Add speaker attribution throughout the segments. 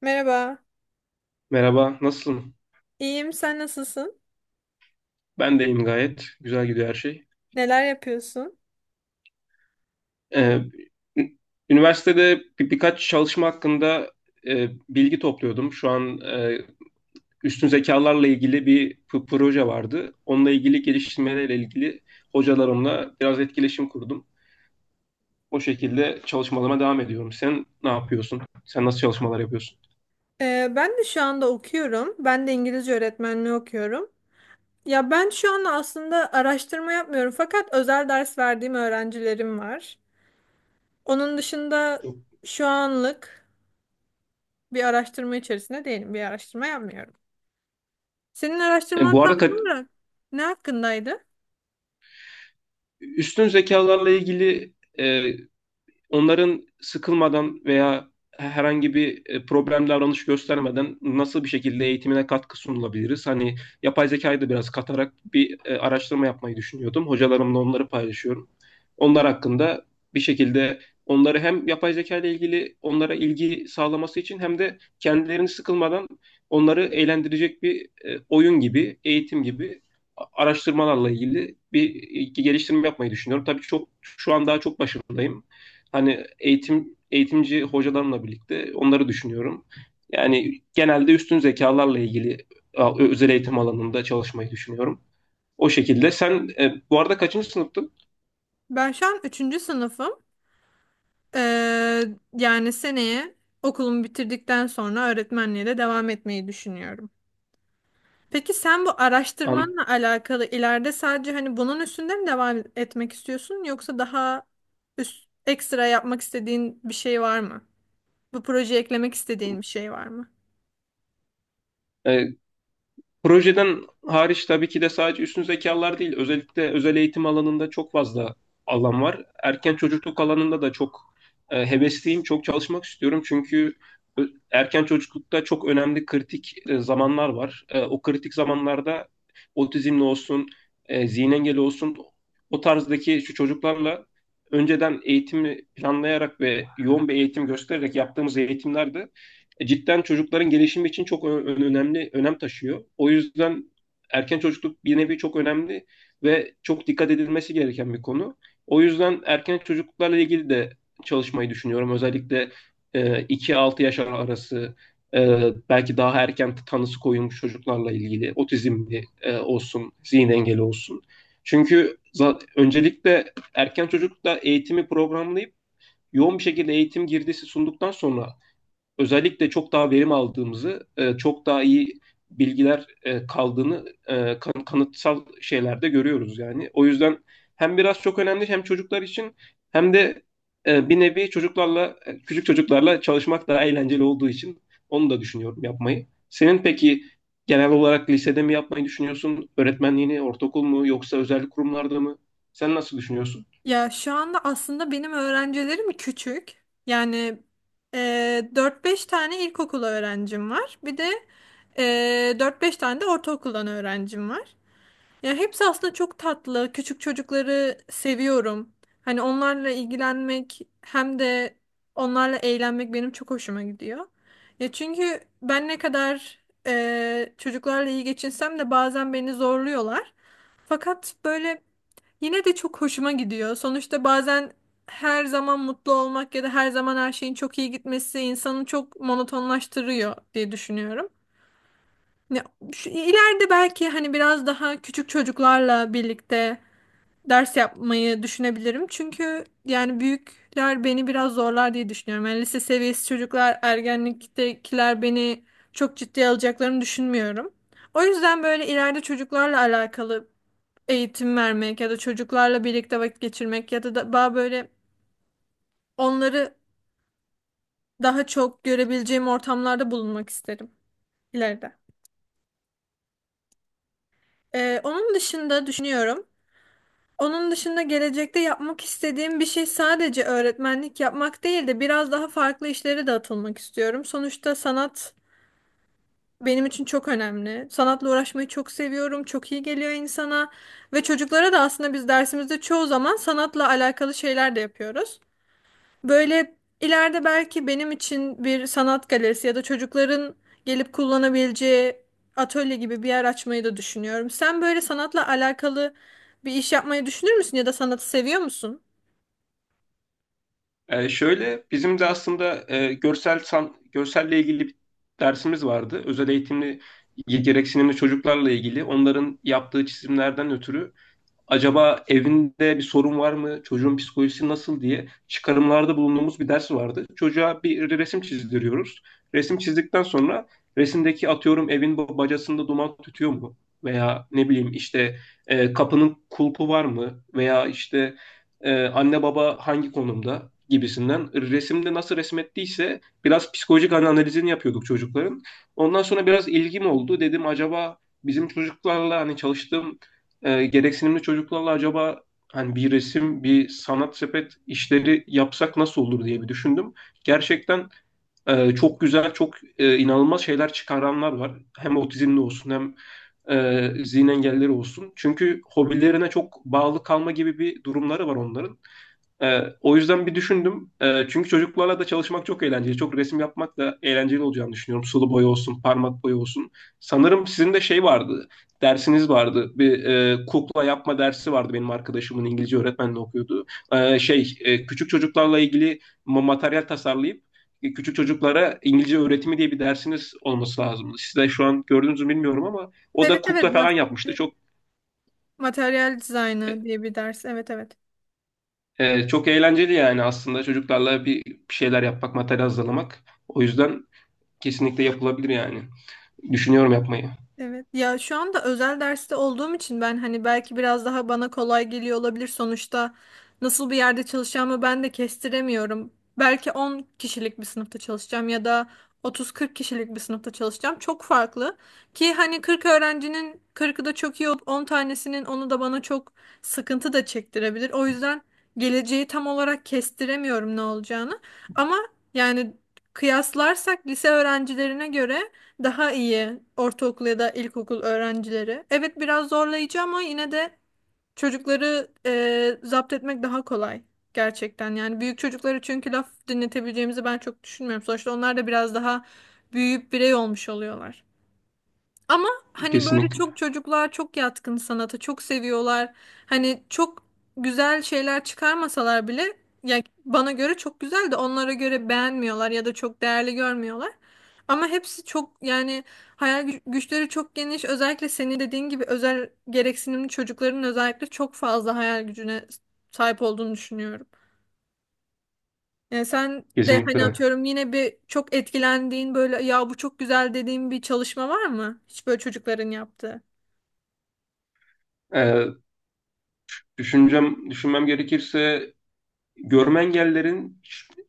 Speaker 1: Merhaba.
Speaker 2: Merhaba, nasılsın?
Speaker 1: İyiyim, sen nasılsın?
Speaker 2: Ben de iyiyim gayet. Güzel gidiyor her şey.
Speaker 1: Neler yapıyorsun?
Speaker 2: Ee, ü- Üniversitede birkaç çalışma hakkında bilgi topluyordum. Şu an üstün zekalarla ilgili bir proje vardı. Onunla ilgili geliştirmelerle ilgili hocalarımla biraz etkileşim kurdum. O şekilde çalışmalarıma devam ediyorum. Sen ne yapıyorsun? Sen nasıl çalışmalar yapıyorsun?
Speaker 1: Ben de şu anda okuyorum. Ben de İngilizce öğretmenliği okuyorum. Ya ben şu anda aslında araştırma yapmıyorum fakat özel ders verdiğim öğrencilerim var. Onun dışında şu anlık bir araştırma içerisinde değilim. Bir araştırma yapmıyorum. Senin
Speaker 2: E,
Speaker 1: araştırman
Speaker 2: bu
Speaker 1: tam
Speaker 2: arada kat-
Speaker 1: olarak ne hakkındaydı?
Speaker 2: Üstün zekalarla ilgili e, onların sıkılmadan veya herhangi bir problem davranış göstermeden nasıl bir şekilde eğitimine katkı sunulabiliriz? Hani yapay zekayı da biraz katarak bir araştırma yapmayı düşünüyordum. Hocalarımla onları paylaşıyorum. Onlar hakkında bir şekilde onları hem yapay zeka ile ilgili onlara ilgi sağlaması için hem de kendilerini sıkılmadan onları eğlendirecek bir oyun gibi, eğitim gibi araştırmalarla ilgili bir geliştirme yapmayı düşünüyorum. Tabii çok şu an daha çok başındayım hani eğitimci hocalarımla birlikte onları düşünüyorum. Yani genelde üstün zekalarla ilgili özel eğitim alanında çalışmayı düşünüyorum. O şekilde. Sen bu arada kaçıncı sınıftın?
Speaker 1: Ben şu an üçüncü sınıfım. Ee, Yani seneye okulumu bitirdikten sonra öğretmenliğe de devam etmeyi düşünüyorum. Peki sen bu
Speaker 2: An,
Speaker 1: araştırmanla alakalı ileride sadece hani bunun üstünde mi devam etmek istiyorsun yoksa daha üst, ekstra yapmak istediğin bir şey var mı? Bu projeye eklemek istediğin bir şey var mı?
Speaker 2: e, Projeden hariç tabii ki de sadece üstün zekalar değil, özellikle özel eğitim alanında çok fazla alan var. Erken çocukluk alanında da çok hevesliyim, çok çalışmak istiyorum. Çünkü erken çocuklukta çok önemli kritik zamanlar var. O kritik zamanlarda otizmli olsun, zihin engeli olsun o tarzdaki şu çocuklarla önceden eğitimi planlayarak ve yoğun bir eğitim göstererek yaptığımız eğitimlerde cidden çocukların gelişimi için çok önemli önem taşıyor. O yüzden erken çocukluk bir nevi çok önemli ve çok dikkat edilmesi gereken bir konu. O yüzden erken çocukluklarla ilgili de çalışmayı düşünüyorum. Özellikle 2-6 yaş arası e, belki daha erken tanısı koyulmuş çocuklarla ilgili otizmli olsun, zihin engeli olsun. Çünkü öncelikle erken çocuklukta eğitimi programlayıp yoğun bir şekilde eğitim girdisi sunduktan sonra özellikle çok daha verim aldığımızı, çok daha iyi bilgiler kaldığını kanıtsal şeylerde görüyoruz yani. O yüzden hem biraz çok önemli hem çocuklar için hem de bir nevi çocuklarla, küçük çocuklarla çalışmak daha eğlenceli olduğu için onu da düşünüyorum yapmayı. Senin peki genel olarak lisede mi yapmayı düşünüyorsun? Öğretmenliğini, ortaokul mu yoksa özel kurumlarda mı? Sen nasıl düşünüyorsun?
Speaker 1: Ya şu anda aslında benim öğrencilerim küçük. Yani e, 4-5 tane ilkokul öğrencim var. Bir de e, 4-5 tane de ortaokuldan öğrencim var. Ya hepsi aslında çok tatlı. Küçük çocukları seviyorum. Hani onlarla ilgilenmek hem de onlarla eğlenmek benim çok hoşuma gidiyor. Ya çünkü ben ne kadar çocuklarla iyi geçinsem de bazen beni zorluyorlar. Fakat böyle yine de çok hoşuma gidiyor. Sonuçta bazen her zaman mutlu olmak ya da her zaman her şeyin çok iyi gitmesi insanı çok monotonlaştırıyor diye düşünüyorum. Ya, şu, ileride belki hani biraz daha küçük çocuklarla birlikte ders yapmayı düşünebilirim. Çünkü yani büyükler beni biraz zorlar diye düşünüyorum. Yani lise seviyesi çocuklar, ergenliktekiler beni çok ciddiye alacaklarını düşünmüyorum. O yüzden böyle ileride çocuklarla alakalı eğitim vermek ya da çocuklarla birlikte vakit geçirmek ya da daha böyle onları daha çok görebileceğim ortamlarda bulunmak isterim ileride. Onun dışında düşünüyorum. Onun dışında gelecekte yapmak istediğim bir şey sadece öğretmenlik yapmak değil de biraz daha farklı işlere de atılmak istiyorum. Sonuçta sanat benim için çok önemli. Sanatla uğraşmayı çok seviyorum. Çok iyi geliyor insana. Ve çocuklara da aslında biz dersimizde çoğu zaman sanatla alakalı şeyler de yapıyoruz. Böyle ileride belki benim için bir sanat galerisi ya da çocukların gelip kullanabileceği atölye gibi bir yer açmayı da düşünüyorum. Sen böyle sanatla alakalı bir iş yapmayı düşünür müsün ya da sanatı seviyor musun?
Speaker 2: Şöyle bizim de aslında görselle ilgili bir dersimiz vardı. Özel eğitimli gereksinimli çocuklarla ilgili. Onların yaptığı çizimlerden ötürü acaba evinde bir sorun var mı, çocuğun psikolojisi nasıl diye çıkarımlarda bulunduğumuz bir ders vardı. Çocuğa bir resim çizdiriyoruz. Resim çizdikten sonra resimdeki atıyorum evin bacasında duman tütüyor mu? Veya ne bileyim işte kapının kulpu var mı? Veya işte anne baba hangi konumda gibisinden resimde nasıl resmettiyse biraz psikolojik analizini yapıyorduk çocukların. Ondan sonra biraz ilgim oldu. Dedim acaba bizim çocuklarla hani çalıştığım gereksinimli çocuklarla acaba hani bir resim, bir sanat sepet işleri yapsak nasıl olur diye bir düşündüm. Gerçekten çok güzel, çok inanılmaz şeyler çıkaranlar var. Hem otizmli olsun hem zihin engelleri olsun. Çünkü hobilerine çok bağlı kalma gibi bir durumları var onların. O yüzden bir düşündüm. Çünkü çocuklarla da çalışmak çok eğlenceli. Çok resim yapmak da eğlenceli olacağını düşünüyorum. Sulu boya olsun, parmak boya olsun. Sanırım sizin de şey vardı, dersiniz vardı. Bir kukla yapma dersi vardı benim arkadaşımın İngilizce öğretmenle okuyordu. Şey, küçük çocuklarla ilgili materyal tasarlayıp küçük çocuklara İngilizce öğretimi diye bir dersiniz olması lazımdı. Siz de şu an gördünüz mü bilmiyorum ama o
Speaker 1: Evet
Speaker 2: da
Speaker 1: evet,
Speaker 2: kukla falan yapmıştı. Çok
Speaker 1: materyal dizaynı diye bir ders. Evet evet.
Speaker 2: Ee, çok eğlenceli yani aslında çocuklarla bir şeyler yapmak, materyal hazırlamak. O yüzden kesinlikle yapılabilir yani. Düşünüyorum yapmayı.
Speaker 1: Evet. Ya şu anda özel derste olduğum için ben hani belki biraz daha bana kolay geliyor olabilir. Sonuçta nasıl bir yerde çalışacağımı ben de kestiremiyorum. Belki 10 kişilik bir sınıfta çalışacağım ya da otuz kırk kişilik bir sınıfta çalışacağım. Çok farklı. Ki hani 40 öğrencinin kırkı da çok iyi olup 10 tanesinin onu da bana çok sıkıntı da çektirebilir. O yüzden geleceği tam olarak kestiremiyorum ne olacağını. Ama yani kıyaslarsak lise öğrencilerine göre daha iyi ortaokul ya da ilkokul öğrencileri. Evet biraz zorlayıcı ama yine de çocukları zapt etmek daha kolay gerçekten. Yani büyük çocukları çünkü laf dinletebileceğimizi ben çok düşünmüyorum. Sonuçta onlar da biraz daha büyüyüp birey olmuş oluyorlar. Ama hani böyle
Speaker 2: Kesinlikle.
Speaker 1: çok çocuklar çok yatkın sanata, çok seviyorlar. Hani çok güzel şeyler çıkarmasalar bile yani bana göre çok güzel de onlara göre beğenmiyorlar ya da çok değerli görmüyorlar. Ama hepsi çok yani hayal güçleri çok geniş. Özellikle senin dediğin gibi özel gereksinimli çocukların özellikle çok fazla hayal gücüne sahip olduğunu düşünüyorum. Yani sen de hani
Speaker 2: Kesinlikle.
Speaker 1: atıyorum yine bir çok etkilendiğin böyle ya bu çok güzel dediğin bir çalışma var mı? Hiç böyle çocukların yaptığı.
Speaker 2: Ee, Düşünmem gerekirse görme engellerin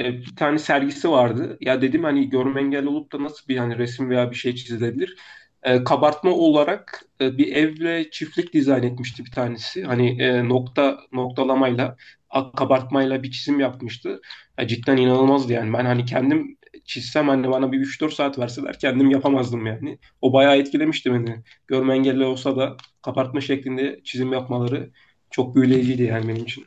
Speaker 2: bir tane sergisi vardı. Ya dedim hani görme engelli olup da nasıl bir hani resim veya bir şey çizilebilir? Kabartma olarak bir evle çiftlik dizayn etmişti bir tanesi. Hani nokta noktalamayla kabartmayla bir çizim yapmıştı. Ya cidden inanılmazdı yani. Ben hani kendim çizsem hani bana bir 3-4 saat verseler kendim yapamazdım yani. O bayağı etkilemişti beni. Görme engelli olsa da kabartma şeklinde çizim yapmaları çok büyüleyiciydi yani benim için.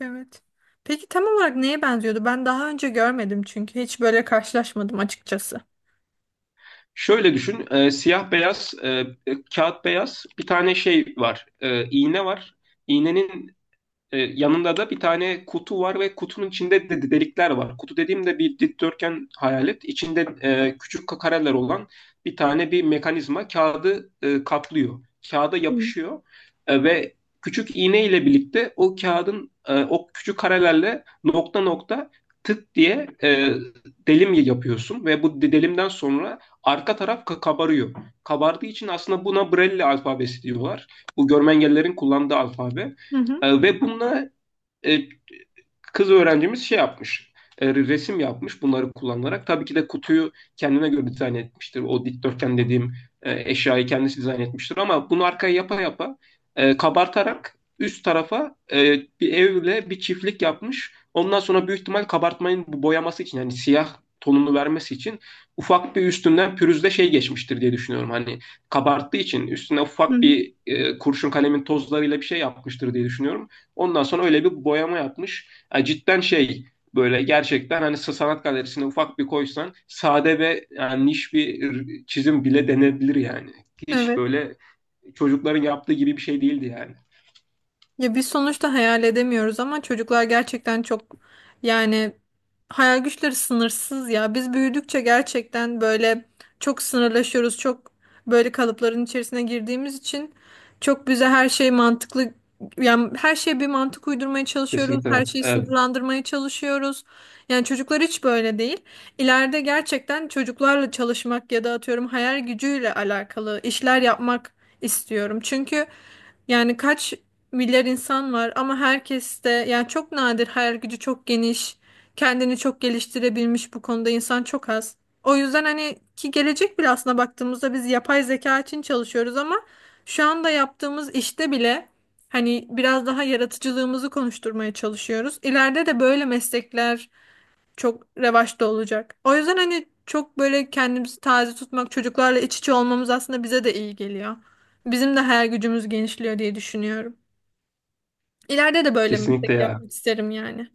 Speaker 1: Evet. Peki tam olarak neye benziyordu? Ben daha önce görmedim çünkü hiç böyle karşılaşmadım açıkçası.
Speaker 2: Şöyle düşün, siyah beyaz, kağıt beyaz bir tane şey var, iğne var. İğnenin yanında da bir tane kutu var ve kutunun içinde de delikler var. Kutu dediğimde bir dikdörtgen hayal et. İçinde küçük kareler olan bir tane bir mekanizma kağıdı kaplıyor. Kağıda
Speaker 1: Hı
Speaker 2: yapışıyor. Ve küçük iğne ile birlikte o kağıdın o küçük karelerle nokta nokta tık diye delim yapıyorsun ve bu delimden sonra arka taraf kabarıyor. Kabardığı için aslında buna Braille alfabesi diyorlar. Bu görme engellilerin kullandığı alfabe.
Speaker 1: hı. Hı.
Speaker 2: Ve bununla e, kız öğrencimiz şey yapmış. Resim yapmış bunları kullanarak. Tabii ki de kutuyu kendine göre dizayn etmiştir. O dikdörtgen dediğim eşyayı kendisi dizayn etmiştir. Ama bunu arkaya yapa yapa kabartarak üst tarafa bir evle bir çiftlik yapmış. Ondan sonra büyük ihtimal kabartmanın bu boyaması için yani siyah tonunu vermesi için ufak bir üstünden pürüzle şey geçmiştir diye düşünüyorum. Hani kabarttığı için üstüne ufak bir kurşun kalemin tozlarıyla bir şey yapmıştır diye düşünüyorum. Ondan sonra öyle bir boyama yapmış. Ya cidden şey böyle gerçekten hani sanat galerisine ufak bir koysan sade ve yani niş bir çizim bile denebilir yani. Hiç
Speaker 1: Evet.
Speaker 2: böyle çocukların yaptığı gibi bir şey değildi yani.
Speaker 1: Ya biz sonuçta hayal edemiyoruz ama çocuklar gerçekten çok, yani hayal güçleri sınırsız ya. Biz büyüdükçe gerçekten böyle çok sınırlaşıyoruz. Çok böyle kalıpların içerisine girdiğimiz için çok bize her şey mantıklı, yani her şeye bir mantık uydurmaya çalışıyoruz. Her
Speaker 2: Kesinlikle.
Speaker 1: şeyi sınırlandırmaya çalışıyoruz. Yani çocuklar hiç böyle değil. İleride gerçekten çocuklarla çalışmak ya da atıyorum hayal gücüyle alakalı işler yapmak istiyorum. Çünkü yani kaç milyar insan var ama herkes de yani çok nadir hayal gücü çok geniş, kendini çok geliştirebilmiş bu konuda insan çok az. O yüzden hani ki gelecek bile aslında baktığımızda biz yapay zeka için çalışıyoruz ama şu anda yaptığımız işte bile hani biraz daha yaratıcılığımızı konuşturmaya çalışıyoruz. İleride de böyle meslekler çok revaçta olacak. O yüzden hani çok böyle kendimizi taze tutmak, çocuklarla iç içe olmamız aslında bize de iyi geliyor. Bizim de hayal gücümüz genişliyor diye düşünüyorum. İleride de böyle meslek
Speaker 2: Kesinlikle ya.
Speaker 1: yapmak isterim yani.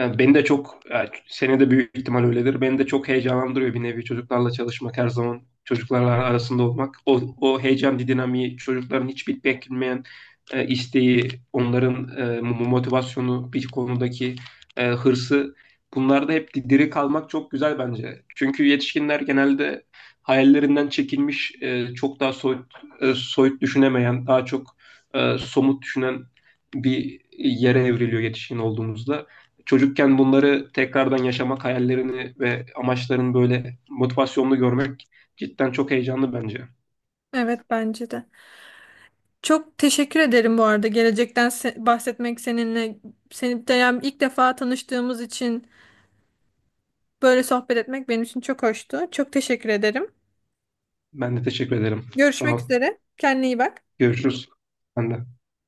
Speaker 2: Beni de çok, yani seni de büyük ihtimal öyledir. Beni de çok heyecanlandırıyor bir nevi çocuklarla çalışmak her zaman. Çocuklarla arasında olmak. O heyecan dinamiği, çocukların hiç beklenmeyen isteği, onların motivasyonu, bir konudaki hırsı. Bunlarda hep diri kalmak çok güzel bence. Çünkü yetişkinler genelde hayallerinden çekilmiş, çok daha soyut, soyut düşünemeyen, daha çok somut düşünen bir yere evriliyor yetişkin olduğumuzda çocukken bunları tekrardan yaşamak hayallerini ve amaçlarını böyle motivasyonlu görmek cidden çok heyecanlı bence.
Speaker 1: Evet bence de. Çok teşekkür ederim bu arada gelecekten bahsetmek seninle. Seni de yani ilk defa tanıştığımız için böyle sohbet etmek benim için çok hoştu. Çok teşekkür ederim.
Speaker 2: Ben de teşekkür ederim. Sağ
Speaker 1: Görüşmek
Speaker 2: ol.
Speaker 1: üzere. Kendine iyi bak.
Speaker 2: Görüşürüz. Ben de.